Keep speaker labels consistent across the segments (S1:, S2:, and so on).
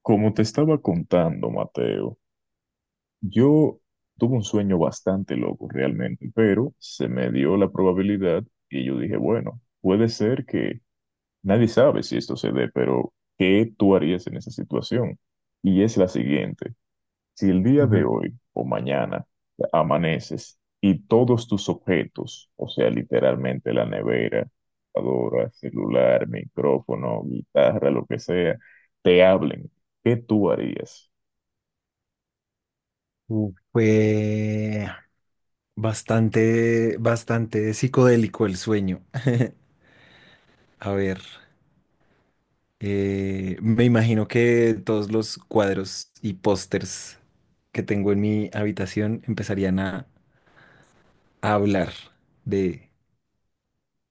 S1: Como te estaba contando, Mateo, yo tuve un sueño bastante loco realmente, pero se me dio la probabilidad y yo dije, bueno, puede ser que nadie sabe si esto se dé, pero ¿qué tú harías en esa situación? Y es la siguiente, si el día de
S2: Ujú.
S1: hoy o mañana amaneces y todos tus objetos, o sea, literalmente la nevera, computadora, celular, micrófono, guitarra, lo que sea, te hablen, ¿qué tú harías?
S2: Fue bastante psicodélico el sueño. A ver, me imagino que todos los cuadros y pósters que tengo en mi habitación empezarían a hablar de,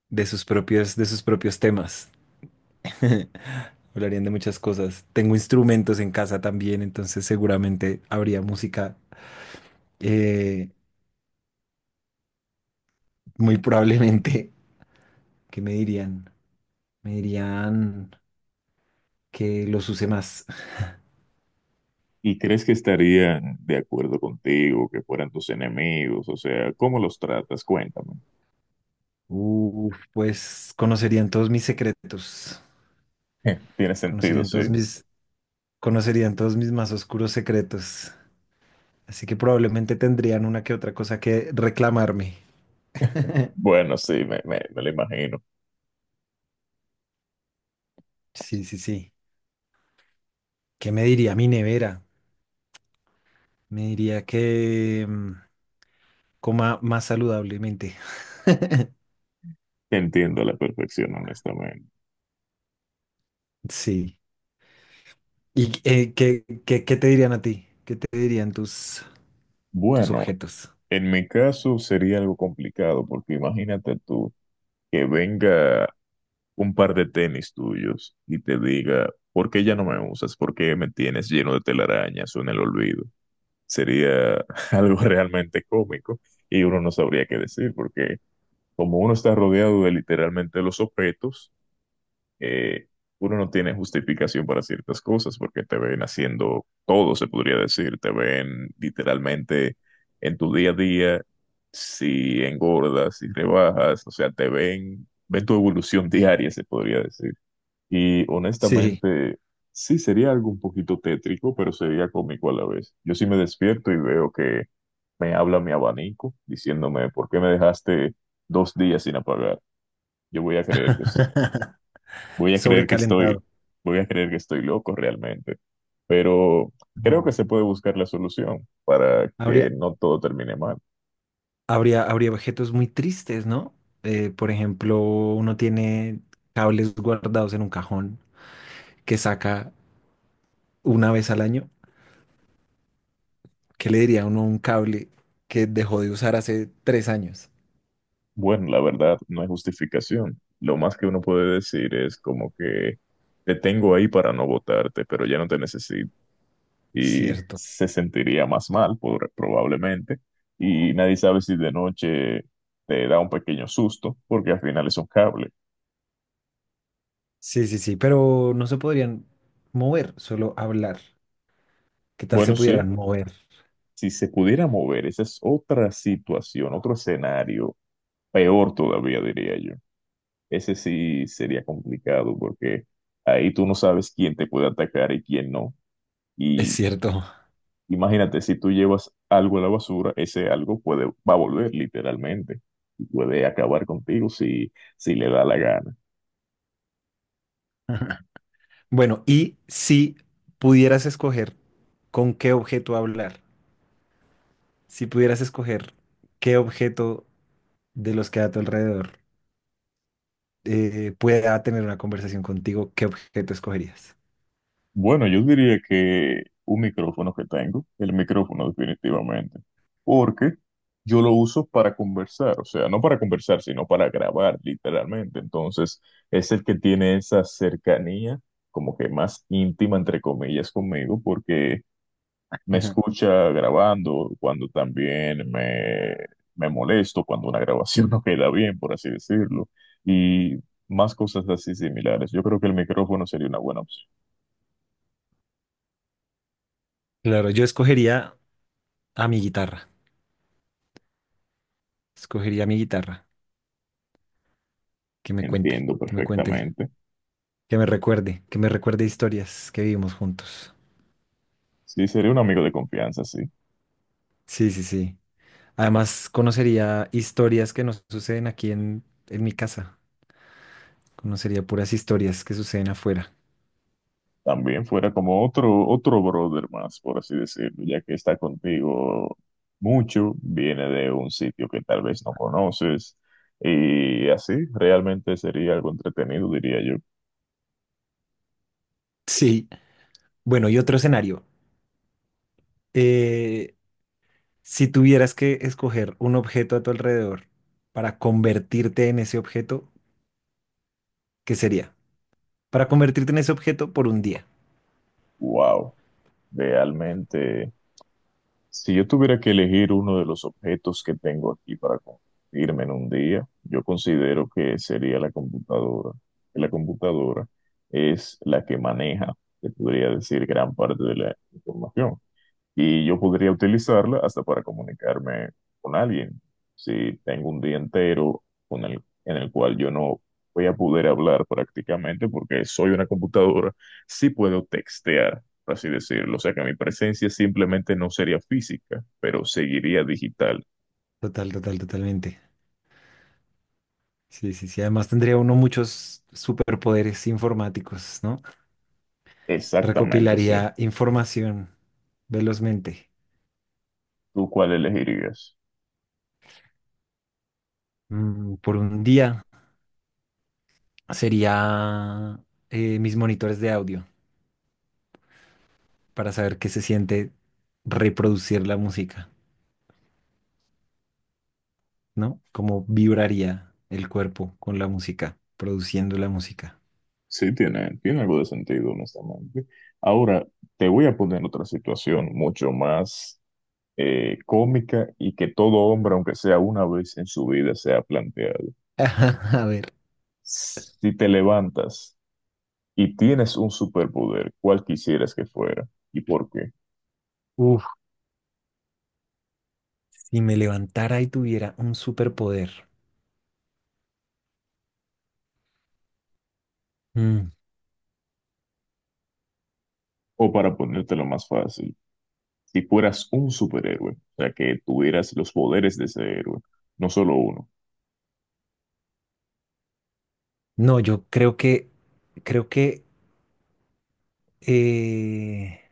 S2: de sus de sus propios temas. Hablarían de muchas cosas. Tengo instrumentos en casa también, entonces seguramente habría música, eh, muy probablemente, que me dirían. Me dirían que los use más.
S1: ¿Y crees que estarían de acuerdo contigo, que fueran tus enemigos? O sea, ¿cómo los tratas? Cuéntame.
S2: Uf, pues conocerían todos mis secretos,
S1: Tiene sentido,
S2: conocerían
S1: sí.
S2: todos mis, conocerían todos mis más oscuros secretos. Así que probablemente tendrían una que otra cosa que reclamarme.
S1: Bueno, sí, me lo imagino.
S2: Sí, sí, sí. ¿Qué me diría mi nevera? Me diría que coma más saludablemente.
S1: Te entiendo a la perfección, honestamente.
S2: Sí. ¿Y qué te dirían a ti? ¿Qué te dirían tus
S1: Bueno,
S2: objetos?
S1: en mi caso sería algo complicado, porque imagínate tú que venga un par de tenis tuyos y te diga, ¿por qué ya no me usas? ¿Por qué me tienes lleno de telarañas o en el olvido? Sería algo realmente cómico y uno no sabría qué decir, porque como uno está rodeado de literalmente los objetos, eh, uno no tiene justificación para ciertas cosas porque te ven haciendo todo, se podría decir, te ven literalmente en tu día a día, si engordas, si rebajas, o sea, te ven, ven tu evolución diaria, se podría decir. Y
S2: Sí.
S1: honestamente, sí sería algo un poquito tétrico, pero sería cómico a la vez. Yo sí me despierto y veo que me habla mi abanico diciéndome, ¿por qué me dejaste 2 días sin apagar? Yo voy a creer que estoy, voy a creer que estoy,
S2: Sobrecalentado.
S1: voy a creer que estoy loco realmente. Pero creo que
S2: Mm.
S1: se puede buscar la solución para que
S2: Habría,
S1: no todo termine mal.
S2: Habría objetos muy tristes, ¿no? Por ejemplo, uno tiene cables guardados en un cajón que saca una vez al año. ¿Qué le diría uno a un cable que dejó de usar hace 3 años?
S1: Bueno, la verdad no hay justificación. Lo más que uno puede decir es como que te tengo ahí para no votarte, pero ya no te necesito. Y
S2: Cierto.
S1: se sentiría más mal, probablemente. Y nadie sabe si de noche te da un pequeño susto, porque al final es un cable.
S2: Sí, sí, sí, pero no se podrían mover, solo hablar. ¿Qué tal se
S1: Bueno, sí,
S2: pudieran mover?
S1: si se pudiera mover, esa es otra situación, otro escenario, peor todavía diría yo. Ese sí sería complicado porque ahí tú no sabes quién te puede atacar y quién no.
S2: Es
S1: Y
S2: cierto.
S1: imagínate, si tú llevas algo a la basura, ese algo puede, va a volver literalmente y puede acabar contigo si le da la gana.
S2: Bueno, y si pudieras escoger con qué objeto hablar, si pudieras escoger qué objeto de los que hay a tu alrededor, pueda tener una conversación contigo, ¿qué objeto escogerías?
S1: Bueno, yo diría que un micrófono que tengo, el micrófono definitivamente, porque yo lo uso para conversar, o sea, no para conversar, sino para grabar literalmente. Entonces, es el que tiene esa cercanía como que más íntima, entre comillas, conmigo, porque me
S2: Ajá.
S1: escucha grabando cuando también me molesto, cuando una grabación no queda bien, por así decirlo, y más cosas así similares. Yo creo que el micrófono sería una buena opción.
S2: Claro, yo escogería a mi guitarra. Escogería a mi guitarra. Que me
S1: Entiendo
S2: cuente,
S1: perfectamente.
S2: que me recuerde historias que vivimos juntos.
S1: Sí, sería un amigo de confianza, sí.
S2: Sí, sí, sí. Además, conocería historias que nos suceden en mi casa. Conocería puras historias que suceden afuera.
S1: También fuera como otro brother más, por así decirlo, ya que está contigo mucho, viene de un sitio que tal vez no conoces, y así realmente sería algo entretenido, diría yo.
S2: Sí. Bueno, y otro escenario. Eh, si tuvieras que escoger un objeto a tu alrededor para convertirte en ese objeto, ¿qué sería para convertirte en ese objeto por un día?
S1: Wow, realmente. Si yo tuviera que elegir uno de los objetos que tengo aquí para convertirme en un día, yo considero que sería la computadora. La computadora es la que maneja, se podría decir, gran parte de la información y yo podría utilizarla hasta para comunicarme con alguien. Si tengo un día entero en el cual yo no voy a poder hablar prácticamente porque soy una computadora, sí puedo textear, por así decirlo. O sea que mi presencia simplemente no sería física, pero seguiría digital.
S2: Total, totalmente. Sí, sí, sí. Además tendría uno muchos superpoderes informáticos, ¿no?
S1: Exactamente, sí.
S2: Recopilaría información velozmente.
S1: ¿Tú cuál elegirías?
S2: Mm, por un día sería, mis monitores de audio para saber qué se siente reproducir la música, ¿no? Cómo vibraría el cuerpo con la música, produciendo la música.
S1: Sí, tiene algo de sentido, honestamente. Ahora, te voy a poner otra situación mucho más cómica y que todo hombre, aunque sea una vez en su vida, se ha planteado.
S2: A ver.
S1: Si te levantas y tienes un superpoder, ¿cuál quisieras que fuera y por qué?
S2: Uf, si me levantara y tuviera un superpoder. Mm.
S1: O para ponértelo más fácil, si fueras un superhéroe, o sea, que tuvieras los poderes de ese héroe, no solo uno.
S2: No, yo creo que creo que eh,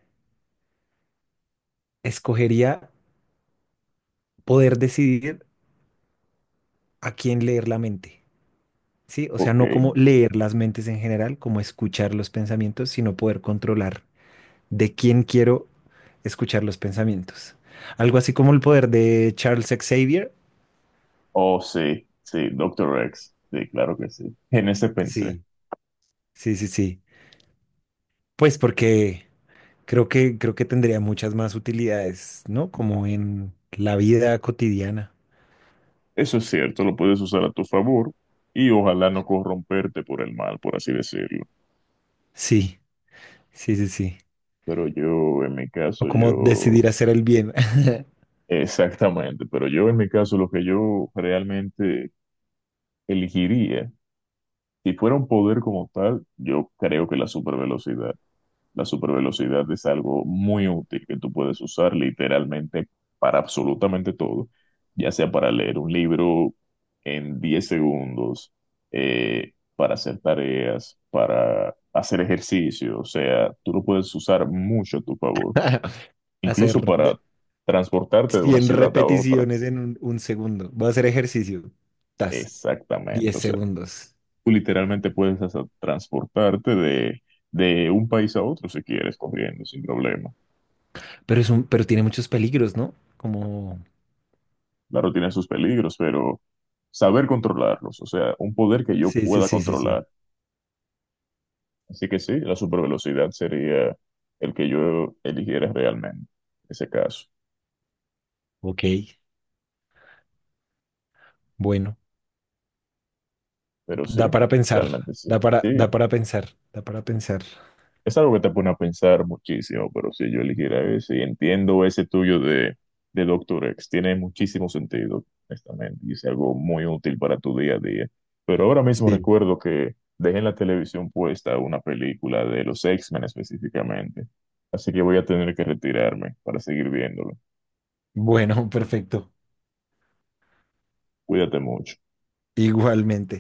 S2: escogería poder decidir a quién leer la mente, ¿sí? O sea,
S1: Ok.
S2: no como leer las mentes en general, como escuchar los pensamientos, sino poder controlar de quién quiero escuchar los pensamientos. Algo así como el poder de Charles Xavier.
S1: Oh, sí, sí, Doctor X. Sí, claro que sí. En ese pensé.
S2: Sí, sí, sí, sí. Pues porque creo que tendría muchas más utilidades, ¿no? Como en la vida cotidiana.
S1: Eso es cierto, lo puedes usar a tu favor y ojalá no corromperte por el mal, por así decirlo.
S2: Sí, sí, sí, sí.
S1: Pero yo, en mi
S2: O
S1: caso,
S2: como
S1: yo,
S2: decidir hacer el bien.
S1: exactamente, pero yo, en mi caso, lo que yo realmente elegiría, si fuera un poder como tal, yo creo que la supervelocidad. La supervelocidad es algo muy útil que tú puedes usar literalmente para absolutamente todo, ya sea para leer un libro en 10 segundos, para hacer tareas, para hacer ejercicio, o sea, tú lo puedes usar mucho a tu favor, incluso
S2: Hacer
S1: para
S2: de-
S1: transportarte de una
S2: 100
S1: ciudad a otra.
S2: repeticiones en un segundo. Voy a hacer ejercicio. Tas, 10
S1: Exactamente, o sea,
S2: segundos.
S1: tú literalmente puedes hasta transportarte de, un país a otro si quieres, corriendo, sin problema.
S2: Pero pero tiene muchos peligros, ¿no? Como...
S1: Claro, tiene sus peligros, pero saber controlarlos, o sea, un poder que yo
S2: Sí, sí,
S1: pueda
S2: sí, sí, sí.
S1: controlar. Así que sí, la supervelocidad sería el que yo eligiera realmente en ese caso.
S2: Ok, bueno.
S1: Pero sí,
S2: Da para pensar.
S1: realmente sí.
S2: Da
S1: Sí,
S2: da para pensar. Da para pensar.
S1: es algo que te pone a pensar muchísimo, pero si yo eligiera ese, y entiendo ese tuyo de, Doctor X, tiene muchísimo sentido, honestamente, y es algo muy útil para tu día a día. Pero ahora mismo
S2: Sí.
S1: recuerdo que dejé en la televisión puesta una película de los X-Men específicamente, así que voy a tener que retirarme para seguir viéndolo.
S2: Bueno, perfecto.
S1: Cuídate mucho.
S2: Igualmente.